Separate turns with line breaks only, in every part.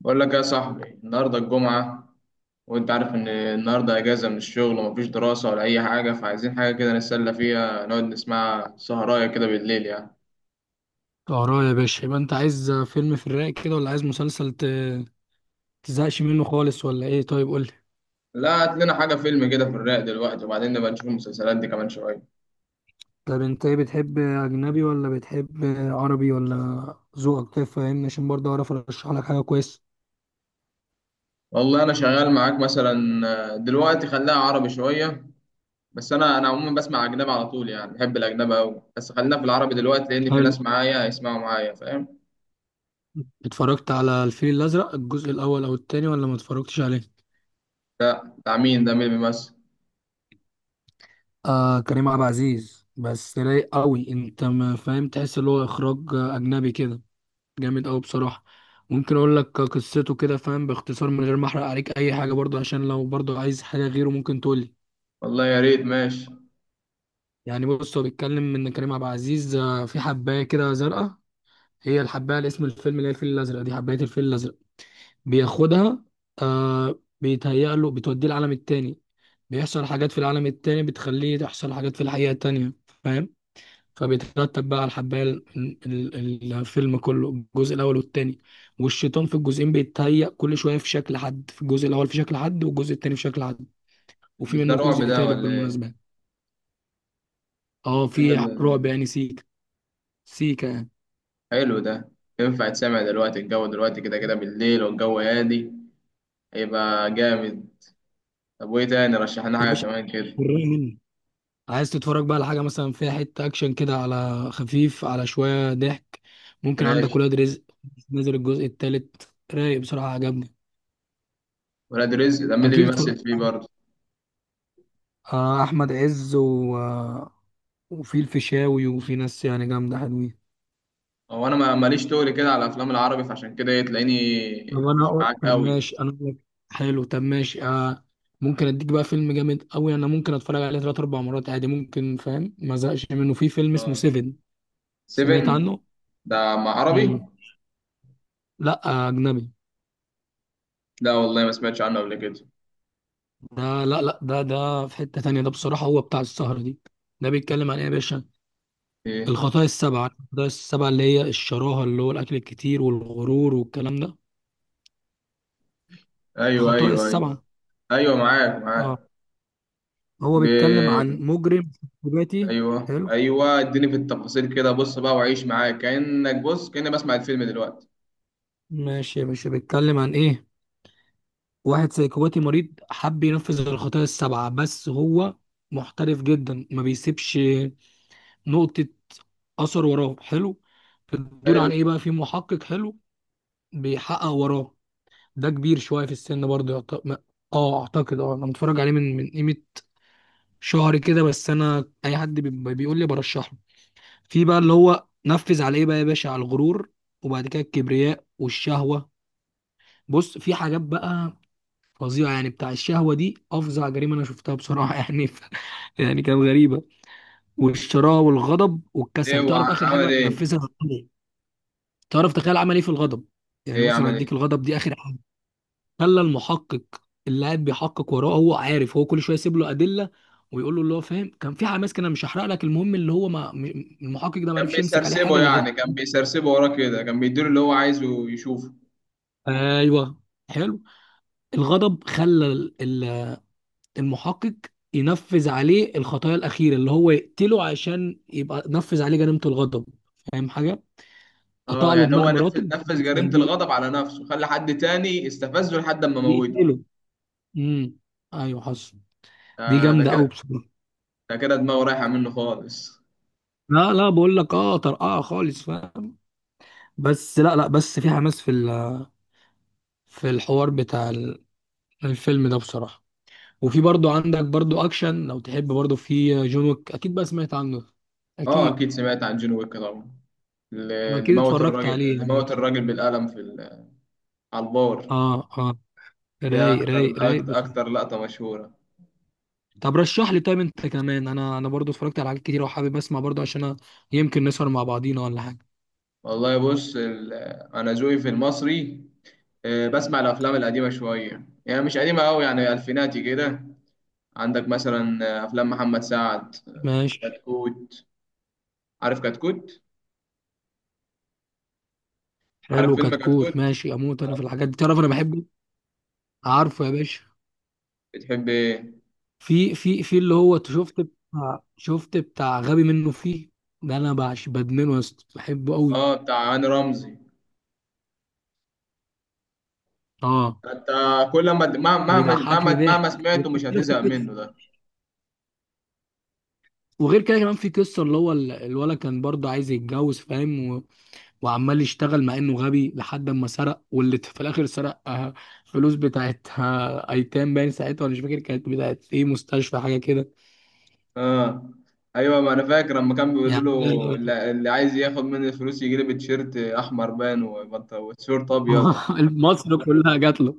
بقول لك يا صاحبي النهارده الجمعة، وانت عارف ان النهارده اجازة من الشغل ومفيش دراسة ولا اي حاجة، فعايزين حاجة كده نتسلى فيها، نقعد نسمعها سهراية كده بالليل يعني.
اه يا باشا، يبقى انت عايز فيلم في الرايق كده ولا عايز مسلسل تزهقش منه خالص ولا ايه؟ طيب قولي.
لا، هات لنا حاجة فيلم كده في الرايق دلوقتي، وبعدين نبقى نشوف المسلسلات دي كمان شوية.
طب انت ايه، بتحب اجنبي ولا بتحب عربي؟ ولا ذوقك كيف؟ فاهمني، عشان برضه اعرف ارشح لك حاجه كويسه.
والله انا شغال معاك مثلا. دلوقتي خليها عربي شوية. بس انا عموما بسمع اجنبي على طول يعني، بحب الاجنبي قوي، بس خلينا في العربي دلوقتي لان في
حلو.
ناس معايا هيسمعوا معايا، فاهم.
اتفرجت على الفيل الازرق، الجزء الاول او التاني، ولا ما اتفرجتش عليه؟
ده بتاع مين؟ ده مين اللي بيمثل؟
آه كريم عبد العزيز. بس رايق قوي، انت ما فاهم، تحس اللي هو اخراج اجنبي كده. جامد قوي بصراحة. ممكن اقول لك قصته كده فاهم، باختصار من غير ما احرق عليك اي حاجة، برضه عشان لو برضه عايز حاجة غيره ممكن تقول لي.
والله يا ريت، ماشي.
يعني بص، هو بيتكلم ان كريم عبد العزيز في حباية كده زرقاء، هي الحباية اللي اسم الفيلم، اللي هي الفيل الازرق، دي حباية الفيل الازرق. بياخدها، آه، بيتهيأ له بتوديه العالم التاني. بيحصل حاجات في العالم التاني بتخليه تحصل حاجات في الحقيقة التانية، فاهم؟ فبيترتب بقى على الحباية الفيلم كله، الجزء الأول والتاني. والشيطان في الجزئين بيتهيأ كل شوية في شكل حد، في الجزء الأول في شكل حد، والجزء التاني في شكل حد. وفي
بس ده
منه
رعب
جزء
ده
تالت
ولا
بالمناسبة.
ايه؟
اه في رعب
فيلم
يعني، سيكا. سيكا يعني.
حلو ده. ينفع تسمع دلوقتي؟ الجو دلوقتي كده كده بالليل، والجو هادي، هيبقى جامد. طب وايه تاني؟ رشح لنا
يا
حاجه
باشا
كمان كده.
وريني مني، عايز تتفرج بقى على حاجة مثلا فيها حتة أكشن كده، على خفيف، على شوية ضحك؟ ممكن
ماشي.
عندك ولاد رزق، نزل الجزء التالت، رايق بصراحة، عجبني.
ولاد رزق ده مين اللي
أكيد،
بيمثل فيه برضه؟
أحمد عز وفي الفيشاوي وفي ناس يعني جامدة حلوين.
هو انا ماليش تقل كده على الافلام العربي، فعشان كده إيه،
طب
تلاقيني
انا
مش
اقول،
معاك
طب
قوي.
ماشي انا اقول لك. حلو طب ماشي آه. ممكن اديك بقى فيلم جامد قوي، انا ممكن اتفرج عليه ثلاث اربع مرات عادي ممكن فاهم، ما زهقش منه. في فيلم اسمه
اه.
سيفن، سمعت
سيفن.
عنه؟
ده مع عربي؟
امم لا، اجنبي.
لا والله، ما سمعتش عنه قبل كده.
ده لا لا، ده ده في حتة تانية، ده بصراحة هو بتاع السهرة دي. ده بيتكلم عن ايه يا باشا؟
ايه؟
الخطايا السبعة، الخطايا السبعة، اللي هي الشراهة اللي هو الاكل الكتير والغرور والكلام ده.
ايوه
خطايا
ايوه ايوه.
السبعة.
ايوه معاك
اه.
معاك.
هو
ب...
بيتكلم عن مجرم سيكوباتي.
ايوه
حلو
ايوه، اديني في التفاصيل كده، بص بقى وعيش معاك، كانك بص، كاني بسمع الفيلم دلوقتي.
ماشي يا باشا، بيتكلم عن ايه؟ واحد سيكوباتي مريض، حب ينفذ الخطايا السبعة، بس هو محترف جدا ما بيسيبش نقطة أثر وراه. حلو. بتدور
حلو.
عن ايه بقى؟ في محقق حلو بيحقق وراه. ده كبير شوية في السن برضه، اه اعتقد، اه انا متفرج عليه من قيمة شهر كده، بس انا اي حد بيقول لي برشحه. في بقى اللي هو نفذ على ايه بقى يا باشا؟ على الغرور، وبعد كده الكبرياء والشهوة. بص في حاجات بقى فظيعة، يعني بتاع الشهوة دي أفظع جريمة أنا شفتها بصراحة يعني يعني كانت غريبة. والشراهة والغضب
ايه
والكسل.
هو
تعرف آخر
عمل
حاجة
ايه؟
نفذها غرور إيه؟ تعرف تخيل عمل إيه في الغضب؟ يعني
ايه
بص، أنا
عمل
هديك
ايه؟
الغضب دي آخر حاجة. خلى المحقق اللي قاعد بيحقق وراه، هو عارف هو، كل شوية يسيب له أدلة ويقول له اللي هو فاهم، كان في حماس كده، مش هحرق لك. المهم اللي هو ما م- المحقق ده ما
كان
عرفش يمسك عليه
بيسرسبه
حاجة إلا غير.
يعني، كان بيسرسبه وراه كده، كان بيديله اللي هو عايزه يشوفه.
ايوه. حلو. الغضب خلى ال- المحقق ينفذ عليه الخطايا الاخيره، اللي هو يقتله، عشان يبقى نفذ عليه جريمه الغضب، فاهم حاجه؟
اه
قطع له
يعني
دماغ
هو
مراته
نفذ
وجابه في
جريمة
صندوق.
الغضب على نفسه، خلى حد تاني استفزه لحد ما موته.
يقتله. امم، ايوه حصل. دي
ده ده
جامده قوي
كده
بصراحه.
ده كده دماغه رايحة منه خالص.
لا لا، بقول لك اه طرقعه خالص فاهم. بس لا لا، بس في حماس في في الحوار بتاع الفيلم ده بصراحه. وفي برضو عندك برضو اكشن لو تحب، برضو في جون ويك، اكيد بقى سمعت عنه.
اه
اكيد.
اكيد سمعت عن جون ويك طبعا. اللي
اكيد
موت
اتفرجت
الراجل،
عليه
اللي
يعني.
موت الراجل بالقلم في على البار.
اه اه،
دي
رايق
اكتر
رايق رايق
اكتر،
بس.
أكتر لقطة مشهورة.
طب رشح لي طيب انت كمان، انا انا برضو اتفرجت على حاجات كتير وحابب اسمع برضو عشان أنا يمكن نسهر مع بعضينا ولا حاجه.
والله بص انا ذوقي في المصري. بسمع الافلام القديمه شويه، يعني مش قديمه قوي، يعني الفيناتي كده. عندك مثلا، افلام محمد سعد،
ماشي.
كتكوت. عارف كتكوت؟ عارف
حلو
فيلم
كتكوت
كتكوت؟
ماشي، اموت انا في الحاجات دي تعرف، انا بحبه. عارفه يا باشا،
بتحب ايه؟
في في في اللي هو شفت بتاع، شفت بتاع غبي منه فيه، ده انا بعش بدمنه يا اسطى، بحبه قوي.
اه بتاع هاني رمزي.
اه.
انت كل ما، مهما
بيضحكني
مهما مهما
ضحك.
سمعته مش هتزهق منه ده.
وغير كده كمان في قصه، اللي هو الولد كان برضه عايز يتجوز فاهم، وعمال يشتغل مع انه غبي لحد ما سرق، واللي في الاخر سرق فلوس بتاعت ايتام باين ساعتها، ولا مش فاكر كانت بتاعت ايه، مستشفى حاجه كده.
اه ايوه، ما انا فاكر لما كان بيقولوا
يعني
له اللي، اللي عايز ياخد مني الفلوس يجي لي بتيشيرت احمر، وتيشيرت ابيض.
مصر كلها جات له.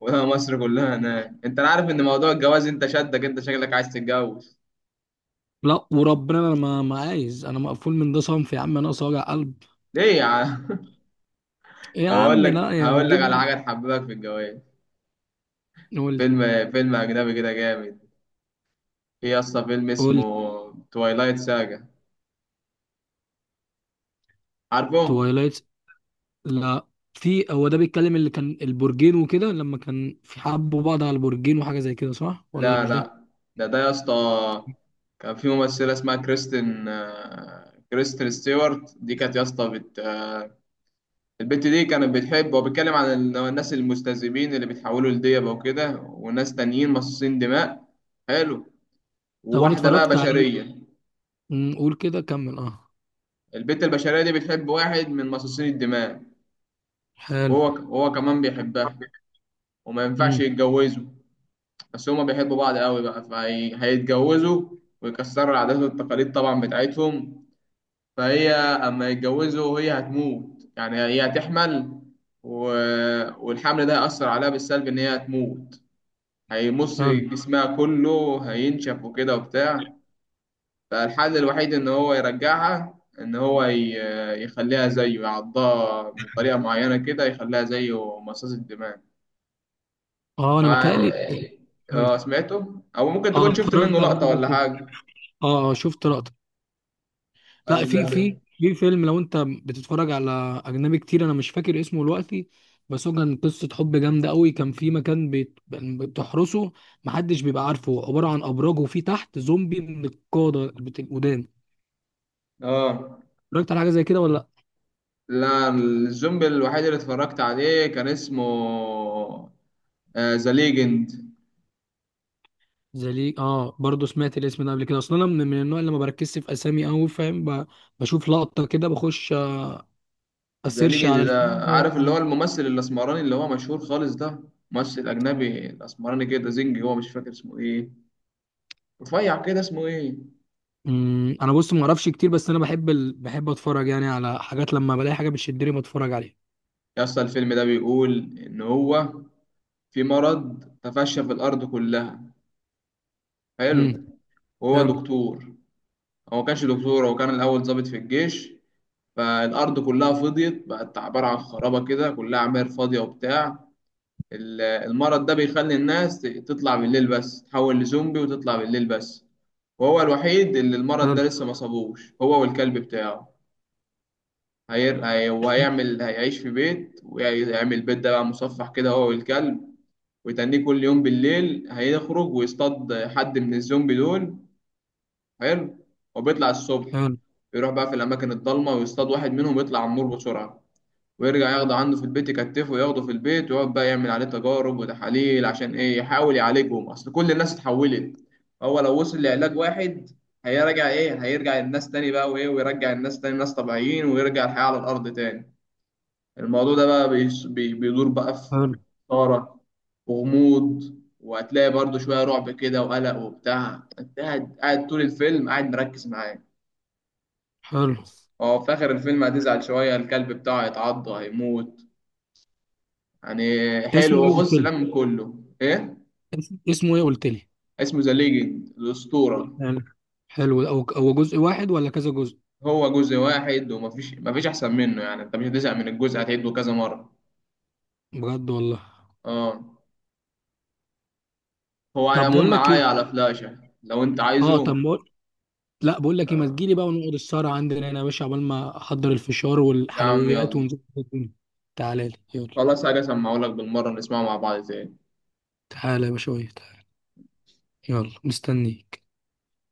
ولا مصر كلها هناك. انت عارف ان موضوع الجواز، انت شدك انت، شكلك عايز تتجوز؟
لا وربنا انا ما عايز، انا مقفول من ده صنف يا عم، انا اقصى وجع قلب.
ليه يا عم؟
يا
طب هقول
عم
لك
لا، يعني
هقول لك على حاجه تحببك في الجواز.
قول لي.
فيلم، فيلم اجنبي كده جامد. في يا اسطى فيلم
قول
اسمه
لي.
توايلايت ساجا. عارفه؟
توايلايت. لا. في هو ده بيتكلم، اللي كان البرجين وكده، لما كان في حبوا بعض على البرجين وحاجه زي كده، صح ولا
لا
مش ده؟
لا، ده يا اسطى، كان في ممثله اسمها كريستين، كريستين ستيوارت. دي كانت يا اسطى بت... آه، البت دي كانت بتحب، وبيتكلم عن الناس المستذئبين اللي بيتحولوا لديبه وكده، وناس تانيين مصاصين دماء. حلو.
طب انا
وواحده بقى
اتفرجت عليه.
بشريه.
قول كده كمل اه.
البت البشريه دي بتحب واحد من مصاصين الدماء.
حلو.
هو كمان بيحبها، وما ينفعش
امم.
يتجوزوا. بس هما بيحبوا بعض قوي بقى، فهيتجوزوا، ويكسروا العادات والتقاليد طبعا بتاعتهم. فهي اما يتجوزوا هي هتموت يعني، هي هتحمل، و... والحمل ده هيأثر عليها بالسلب، ان هي هتموت، هيمص
حلو.
جسمها كله، هينشف وكده وبتاع. فالحل الوحيد ان هو يرجعها، ان يخليها زيه، يعضها بطريقة معينة كده يخليها زيه، مصاص الدماء.
اه انا
وعن-
متهيألي. حلو.
اه سمعته، او ممكن
اه
تكون شفت منه
اتفرجت على
لقطة
حاجه زي
ولا
كده.
حاجة.
اه اه شفت لقطه. لا،
ولا
في في
ب...
في فيلم، لو انت بتتفرج على اجنبي كتير، انا مش فاكر اسمه دلوقتي، بس هو كان قصه حب جامده قوي. كان في مكان بتحرسه، محدش بيبقى عارفه، عباره عن ابراج وفي تحت زومبي من القاده القدام.
اه
اتفرجت على حاجه زي كده ولا لا؟
لا، الزومبي الوحيد اللي اتفرجت عليه كان اسمه، ذا ليجند.
زي ليه. اه برضه سمعت الاسم ده قبل كده، اصلا انا من النوع اللي ما بركزش في اسامي قوي فاهم، بشوف لقطه كده بخش
ذا
اسيرش
ليجند
على
ده،
الفيلم.
عارف اللي هو الممثل الاسمراني اللي هو مشهور خالص ده، ممثل اجنبي، الاسمراني كده، زنجي هو، مش فاكر اسمه ايه، رفيع كده، اسمه ايه؟
انا بص ما اعرفش كتير، بس انا بحب بحب اتفرج يعني على حاجات لما بلاقي حاجه بتشدني بتفرج عليها.
يا اسطى الفيلم ده بيقول ان هو في مرض تفشى في الارض كلها.
امم.
حلو. وهو
حلو.
دكتور. هو ما كانش دكتور، هو كان الأول ضابط في الجيش. فالأرض كلها فضيت، بقت عبارة عن خرابة كده، كلها عماير فاضية وبتاع. المرض ده بيخلي الناس تطلع بالليل بس، تحول لزومبي وتطلع بالليل بس. وهو الوحيد اللي المرض ده
حلو.
لسه ما صابوش، هو والكلب بتاعه. وهيعمل، هيعيش في بيت، ويعمل بيت ده بقى مصفح كده، هو والكلب. ويتنيه كل يوم بالليل هيخرج ويصطاد حد من الزومبي دول. حلو. وبيطلع الصبح
حلو.
يروح بقى في الأماكن الضلمة ويصطاد واحد منهم، يطلع عمور بسرعة، ويرجع ياخده عنده في البيت، يكتفه وياخده في البيت، ويقعد بقى يعمل عليه تجارب وتحاليل، عشان إيه، يحاول يعالجهم، أصل كل الناس اتحولت. هو لو وصل لعلاج واحد، هيرجع إيه، هيرجع الناس تاني بقى، وإيه، ويرجع الناس تاني ناس طبيعيين، ويرجع الحياة على الأرض تاني. الموضوع ده بقى بيدور بقى في
حلو.
إثارة وغموض، وهتلاقي برضه شوية رعب كده وقلق وبتاع، انت قاعد، قاعد طول الفيلم قاعد مركز معاه.
حلو.
هو في آخر الفيلم هتزعل شوية، الكلب بتاعه هيتعض هيموت يعني.
اسمه
حلو
ايه
هو.
قلت
بص
لي؟
لم كله ايه،
اسمه ايه قلت لي؟
اسمه ذا ليجند، الأسطورة.
حلو. حلو، هو هو جزء واحد ولا كذا جزء؟
هو جزء واحد، ومفيش أحسن منه يعني، انت مش هتزهق من الجزء، هتعيده كذا مرة.
بجد والله.
اه. هو على
طب
العموم
بقول لك
معايا
ايه،
على فلاشة لو انت
اه
عايزه.
طب لا بقول لك ايه، ما
آه.
تجيلي بقى ونقعد السهره عندنا هنا يا باشا، عقبال ما احضر الفشار
يا عم
والحلويات
يلا.
ونظبط الدنيا. تعالى لي يلا.
خلاص، حاجة أسمعهولك بالمرة، نسمعه مع بعض تاني.
تعالى يا باشا تعالى. يلا مستنيك.